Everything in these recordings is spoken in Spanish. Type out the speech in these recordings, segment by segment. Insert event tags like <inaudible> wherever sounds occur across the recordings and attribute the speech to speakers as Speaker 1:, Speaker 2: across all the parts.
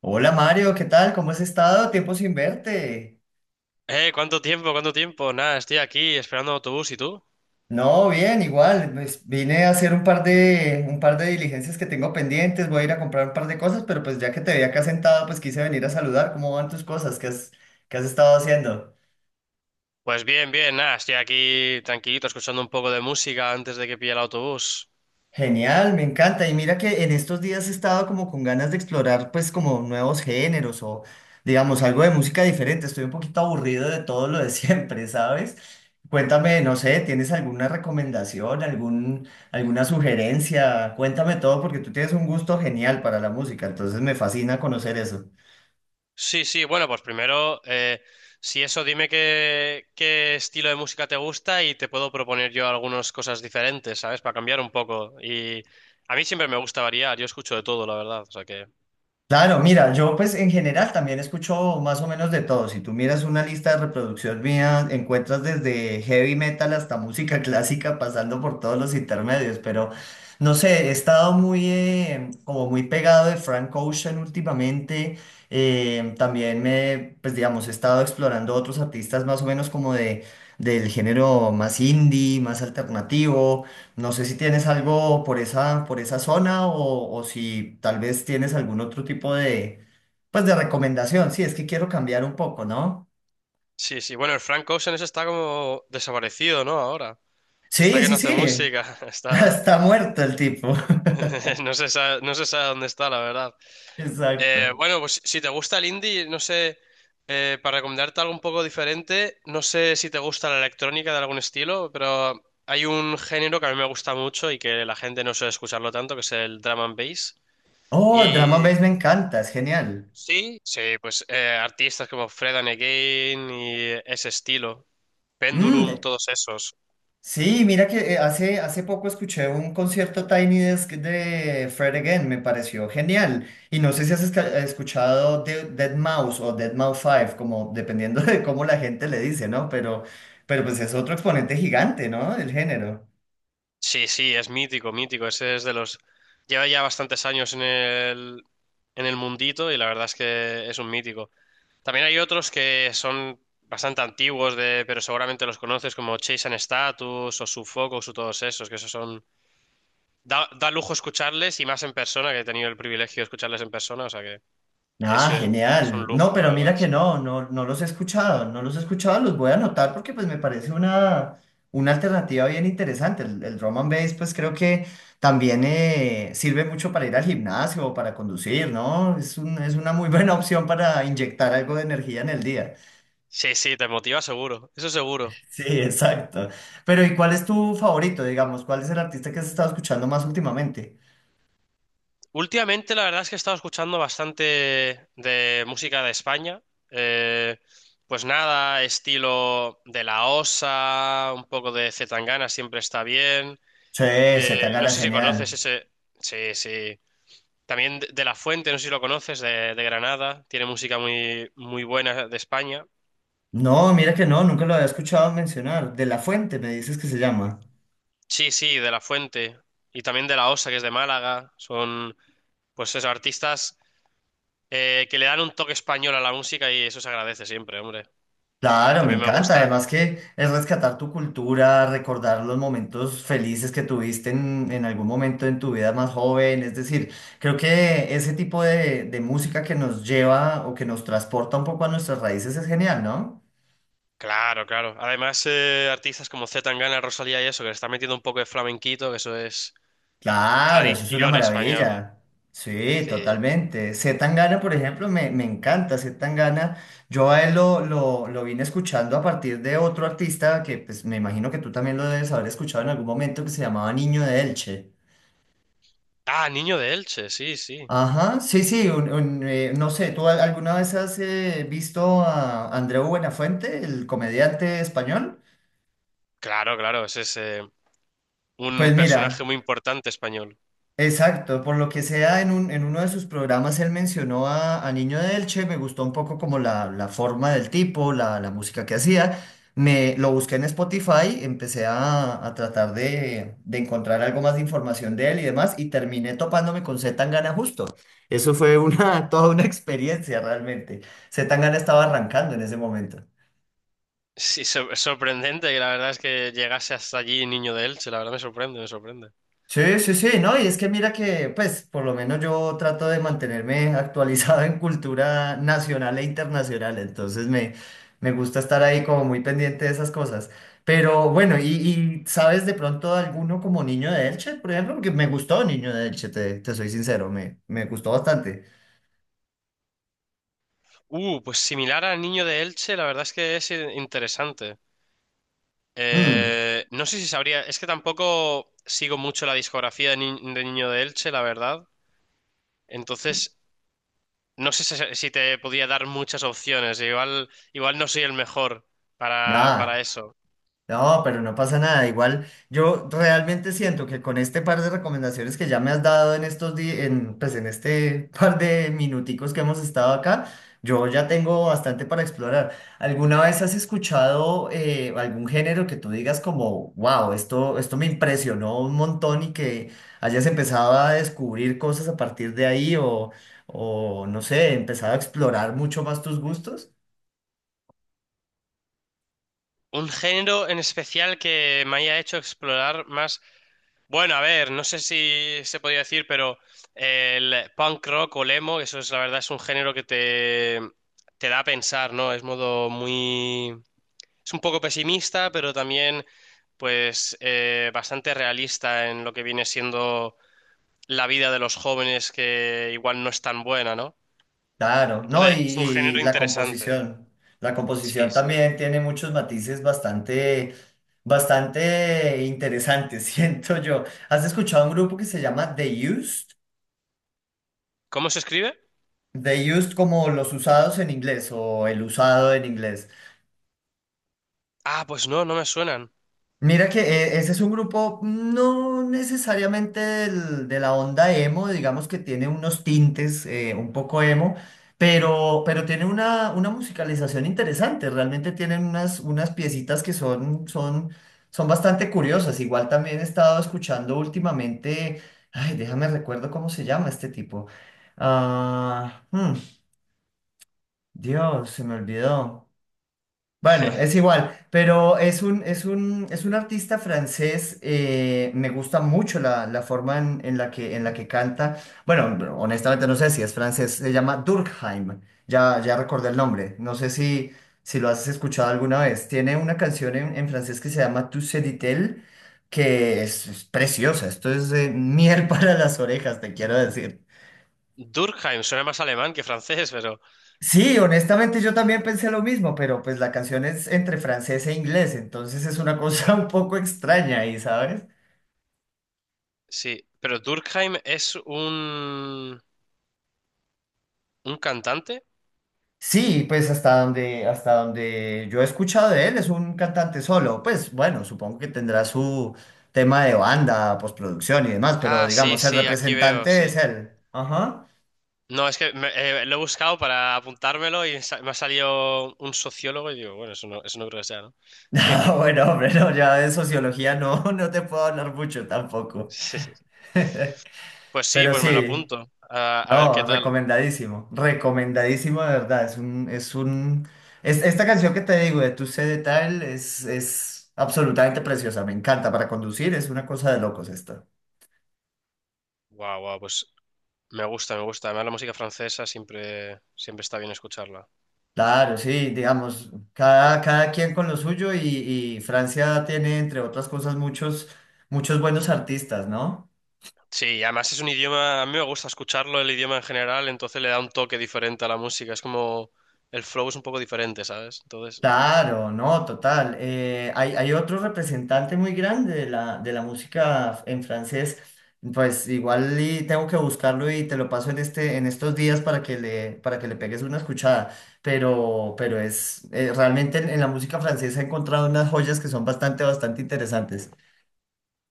Speaker 1: Hola Mario, ¿qué tal? ¿Cómo has estado? Tiempo sin verte.
Speaker 2: ¿Cuánto tiempo? ¿Cuánto tiempo? Nada, estoy aquí esperando el autobús. ¿Y tú?
Speaker 1: No, bien, igual. Pues vine a hacer un par de diligencias que tengo pendientes. Voy a ir a comprar un par de cosas, pero pues ya que te vi acá sentado, pues quise venir a saludar. ¿Cómo van tus cosas? ¿Qué has estado haciendo?
Speaker 2: Pues bien, bien, nada, estoy aquí tranquilito escuchando un poco de música antes de que pille el autobús.
Speaker 1: Genial, me encanta. Y mira que en estos días he estado como con ganas de explorar pues como nuevos géneros o digamos algo de música diferente. Estoy un poquito aburrido de todo lo de siempre, <laughs> ¿sabes? Cuéntame, no sé, ¿tienes alguna recomendación, alguna sugerencia? Cuéntame todo porque tú tienes un gusto genial para la música, entonces me fascina conocer eso.
Speaker 2: Sí, sí, bueno, pues primero, si eso, dime qué estilo de música te gusta y te puedo proponer yo algunas cosas diferentes, ¿sabes? Para cambiar un poco. Y a mí siempre me gusta variar, yo escucho de todo, la verdad. O sea que...
Speaker 1: Claro, mira, yo pues en general también escucho más o menos de todo. Si tú miras una lista de reproducción mía, encuentras desde heavy metal hasta música <laughs> clásica, pasando por todos los intermedios. Pero no sé, he estado muy como muy pegado de Frank Ocean últimamente. También pues digamos, he estado explorando otros artistas más o menos como de del género más indie, más alternativo. No sé si tienes algo por por esa zona o si tal vez tienes algún otro tipo de, pues de recomendación. Sí, es que quiero cambiar un poco, ¿no?
Speaker 2: Sí, sí, bueno, el Frank Ocean ese está como desaparecido, ¿no? Ahora. Está
Speaker 1: Sí,
Speaker 2: que no
Speaker 1: sí,
Speaker 2: hace
Speaker 1: sí.
Speaker 2: música, <laughs>
Speaker 1: <laughs>
Speaker 2: está...
Speaker 1: Está muerto el tipo. <laughs>
Speaker 2: <laughs> No se sabe dónde está, la verdad.
Speaker 1: Exacto.
Speaker 2: Bueno, pues si te gusta el indie, no sé, para recomendarte algo un poco diferente, no sé si te gusta la electrónica de algún estilo, pero hay un género que a mí me gusta mucho y que la gente no suele escucharlo tanto, que es el drum and bass.
Speaker 1: Oh, Drama
Speaker 2: Y
Speaker 1: Base me encanta, es genial.
Speaker 2: sí, sí, pues artistas como Fred and Again y ese estilo, Pendulum,
Speaker 1: Mm.
Speaker 2: todos esos.
Speaker 1: Sí, mira que hace poco escuché un concierto Tiny Desk de Fred Again, me pareció genial. Y no sé si has escuchado de Dead Mouse o Dead Mouse 5, como dependiendo <laughs> de cómo la gente le dice, ¿no? Pero pues es otro exponente gigante, ¿no? Del género.
Speaker 2: Sí, sí, es mítico, mítico, ese es de los... Lleva ya bastantes años en el mundito y la verdad es que es un mítico. También hay otros que son bastante antiguos, de, pero seguramente los conoces, como Chase and Status o Sufocus o todos esos, que esos son... Da, da lujo escucharles y más en persona, que he tenido el privilegio de escucharles en persona, o sea que es,
Speaker 1: Ah,
Speaker 2: eh, es un
Speaker 1: genial. No,
Speaker 2: lujo, la
Speaker 1: pero
Speaker 2: verdad,
Speaker 1: mira que
Speaker 2: sí.
Speaker 1: no los he escuchado, no los he escuchado, los voy a anotar porque pues me parece una alternativa bien interesante. El drum and bass pues creo que también sirve mucho para ir al gimnasio o para conducir, ¿no? Es una muy <laughs> buena opción para inyectar algo de energía en el día.
Speaker 2: Sí, sí, te motiva seguro, eso seguro.
Speaker 1: Sí, exacto. Pero ¿y cuál es tu favorito, digamos? ¿Cuál es el artista que has estado escuchando más últimamente?
Speaker 2: Últimamente la verdad es que he estado escuchando bastante de música de España. eh, pues nada, estilo de La Osa, un poco de C. Tangana siempre está bien.
Speaker 1: Sí. Z
Speaker 2: No
Speaker 1: Tangana,
Speaker 2: sé si
Speaker 1: genial.
Speaker 2: conoces ese. Sí, sí. También de La Fuente, no sé si lo conoces, de Granada. Tiene música muy, muy buena de España.
Speaker 1: No, mira que no, nunca lo había escuchado mencionar. De La Fuente, me dices que se llama.
Speaker 2: Sí, sí, de La Fuente. Y también de La Osa, que es de Málaga. Son, pues esos artistas que le dan un toque español a la música y eso se agradece siempre, hombre.
Speaker 1: Claro, me
Speaker 2: También me
Speaker 1: encanta.
Speaker 2: gusta.
Speaker 1: Además que es rescatar tu cultura, recordar los momentos felices que tuviste en algún momento en tu vida más joven. Es decir, creo que ese tipo de música que nos lleva o que nos transporta un poco a nuestras raíces es genial, ¿no?
Speaker 2: Claro, claro. Además, artistas como C. Tangana, Rosalía y eso, que le están metiendo un poco de flamenquito, que eso es
Speaker 1: Claro, eso es una
Speaker 2: tradición española.
Speaker 1: maravilla. Sí,
Speaker 2: Sí.
Speaker 1: totalmente. C. Tangana, por ejemplo, me encanta. C. Tangana, yo a él lo vine escuchando a partir de otro artista que pues, me imagino que tú también lo debes haber escuchado en algún momento que se llamaba Niño de Elche.
Speaker 2: Ah, Niño de Elche, sí, sí.
Speaker 1: Ajá, sí, sí, no sé, ¿tú alguna vez has visto a Andreu Buenafuente, el comediante español?
Speaker 2: Claro, claro, ese es... un
Speaker 1: Pues mira,
Speaker 2: personaje muy importante español.
Speaker 1: exacto, por lo que sea, en uno de sus programas él mencionó a Niño de Elche, me gustó un poco como la forma del tipo, la música que hacía. Me lo busqué en Spotify, empecé a tratar de encontrar algo más de información de él y demás, y terminé topándome con C. Tangana justo. Eso fue una, <laughs> toda una experiencia realmente. C. Tangana estaba arrancando en ese momento.
Speaker 2: Es sorprendente que la verdad es que llegase hasta allí Niño de Elche, la verdad me sorprende, me sorprende.
Speaker 1: Sí, sí, sí, ¿no? Y es que mira que, pues, por lo menos yo trato de mantenerme <laughs> actualizado en cultura nacional e internacional, me gusta estar ahí como muy pendiente de esas cosas. Pero bueno, ¿y sabes de pronto alguno como Niño de Elche, por ejemplo? Porque me gustó Niño de Elche, te soy sincero, me gustó bastante.
Speaker 2: Pues similar a Niño de Elche, la verdad es que es interesante.
Speaker 1: Mm,
Speaker 2: No sé si sabría, es que tampoco sigo mucho la discografía de, Ni- de Niño de Elche, la verdad. Entonces, no sé si te podría dar muchas opciones, igual, igual no soy el mejor
Speaker 1: nada.
Speaker 2: para eso.
Speaker 1: No, pero no pasa nada. Igual yo realmente siento que con este par de recomendaciones que ya me has dado en estos días, en, pues en este <laughs> par de minuticos que hemos estado acá, yo ya tengo bastante para explorar. ¿Alguna vez has escuchado algún género que tú digas como, wow, esto me impresionó un montón y que hayas empezado a descubrir cosas a partir de ahí o no sé, empezado a explorar mucho más tus gustos?
Speaker 2: Un género en especial que me haya hecho explorar más. Bueno, a ver, no sé si se podía decir, pero el punk rock o el emo, eso es la verdad, es un género te da a pensar, ¿no? Es modo muy... Es un poco pesimista, pero también, pues, bastante realista en lo que viene siendo la vida de los jóvenes, que igual no es tan buena, ¿no?
Speaker 1: Claro, no,
Speaker 2: Entonces, es un
Speaker 1: y
Speaker 2: género
Speaker 1: la
Speaker 2: interesante.
Speaker 1: composición. La
Speaker 2: Sí,
Speaker 1: composición
Speaker 2: sí.
Speaker 1: también tiene muchos matices bastante, bastante interesantes, <laughs> siento yo. ¿Has escuchado un grupo que se llama The Used?
Speaker 2: ¿Cómo se escribe?
Speaker 1: The Used como los usados en inglés o el usado en inglés.
Speaker 2: Ah, pues no, no me suenan.
Speaker 1: Mira que ese es un grupo mm, no necesariamente de la onda emo, digamos que tiene unos tintes un poco emo, pero tiene una musicalización interesante, realmente tienen unas, unas piecitas que son, son, son bastante curiosas. Igual también he estado escuchando últimamente, ay, déjame recuerdo cómo se llama este tipo. Ah, hmm, Dios, se me olvidó. Bueno, es
Speaker 2: <laughs>
Speaker 1: igual, pero es un artista francés, me gusta mucho la forma en la que canta. Bueno, honestamente no sé si es francés, se llama Durkheim, ya recordé el nombre, no sé si lo has escuchado alguna vez. Tiene una canción en francés que se llama Tu sais dit-elle, que es preciosa, esto es miel <laughs> para las orejas, te quiero decir.
Speaker 2: Durkheim, suena más alemán que francés.
Speaker 1: Sí, honestamente yo también pensé lo mismo, pero pues la canción es entre francés e inglés, entonces es una cosa <laughs> un poco extraña ahí, ¿sabes?
Speaker 2: Sí, pero Durkheim es un cantante.
Speaker 1: Sí, pues hasta donde yo he escuchado de él es un cantante solo, pues bueno, supongo que tendrá su tema de banda, postproducción y demás, pero
Speaker 2: Ah, sí,
Speaker 1: digamos, el
Speaker 2: sí, aquí veo,
Speaker 1: representante
Speaker 2: sí.
Speaker 1: es él. Ajá. <laughs>
Speaker 2: No, es que lo he buscado para apuntármelo y me ha salido un sociólogo y digo, bueno, eso no creo que sea, ¿no?
Speaker 1: Ah
Speaker 2: <laughs>
Speaker 1: bueno, hombre, no, ya de sociología no, <laughs> no te puedo hablar mucho tampoco.
Speaker 2: Sí, sí.
Speaker 1: <laughs>
Speaker 2: Pues sí,
Speaker 1: Pero
Speaker 2: pues me lo
Speaker 1: sí.
Speaker 2: apunto. A ver
Speaker 1: No,
Speaker 2: qué tal.
Speaker 1: recomendadísimo, recomendadísimo de verdad. Es, esta canción que te digo de Tu Sé de Tal es absolutamente preciosa, me encanta para conducir, es una cosa de locos esta.
Speaker 2: Guau, guau, pues me gusta, me gusta. Además, la música francesa siempre, siempre está bien escucharla.
Speaker 1: Claro, sí, digamos, cada quien con lo suyo y Francia tiene, entre otras cosas, muchos, muchos buenos artistas, ¿no?
Speaker 2: Sí, y además es un idioma, a mí me gusta escucharlo, el idioma en general, entonces le da un toque diferente a la música. Es como el flow es un poco diferente, ¿sabes? Entonces
Speaker 1: Claro, no, total. Hay otro representante muy grande de de la música en francés. Pues igual y tengo que buscarlo y te lo paso en este, en estos días para que para que le pegues una escuchada. Pero es realmente en la música francesa he encontrado unas joyas que son bastante, bastante interesantes.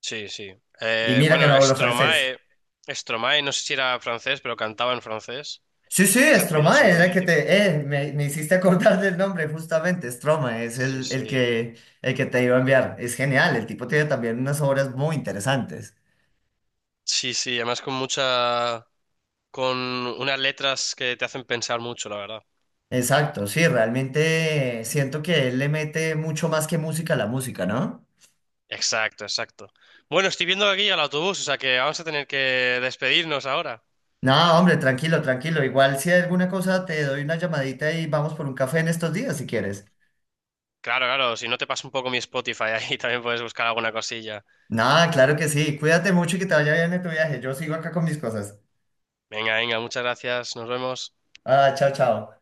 Speaker 2: sí, sí.
Speaker 1: Y mira
Speaker 2: Bueno,
Speaker 1: que no hablo francés.
Speaker 2: Stromae, Stromae, no sé si era francés, pero cantaba en francés.
Speaker 1: Sí, sí,
Speaker 2: Ese también es
Speaker 1: Stromae
Speaker 2: un
Speaker 1: era el que
Speaker 2: mítico.
Speaker 1: te... me hiciste acordar del nombre justamente, Stromae es
Speaker 2: Sí, sí.
Speaker 1: el que te iba a enviar. Es genial, el tipo tiene también unas obras muy interesantes.
Speaker 2: Sí, sí, además con mucha, con unas letras que te hacen pensar mucho, la verdad.
Speaker 1: Exacto, sí, realmente siento que él le mete mucho más que música a la música, ¿no?
Speaker 2: Exacto, exacto. Bueno, estoy viendo aquí al autobús, o sea que vamos a tener que despedirnos ahora.
Speaker 1: No, hombre, tranquilo, tranquilo. Igual si hay alguna cosa te doy una llamadita y vamos por un café en estos días si quieres.
Speaker 2: Claro, claro, si no te paso un poco mi Spotify ahí, <laughs> también puedes buscar alguna cosilla.
Speaker 1: No, claro que sí. Cuídate mucho y que te vaya bien en tu viaje. Yo sigo acá con mis cosas.
Speaker 2: Venga, venga, muchas gracias, nos vemos.
Speaker 1: Ah, chao, chao.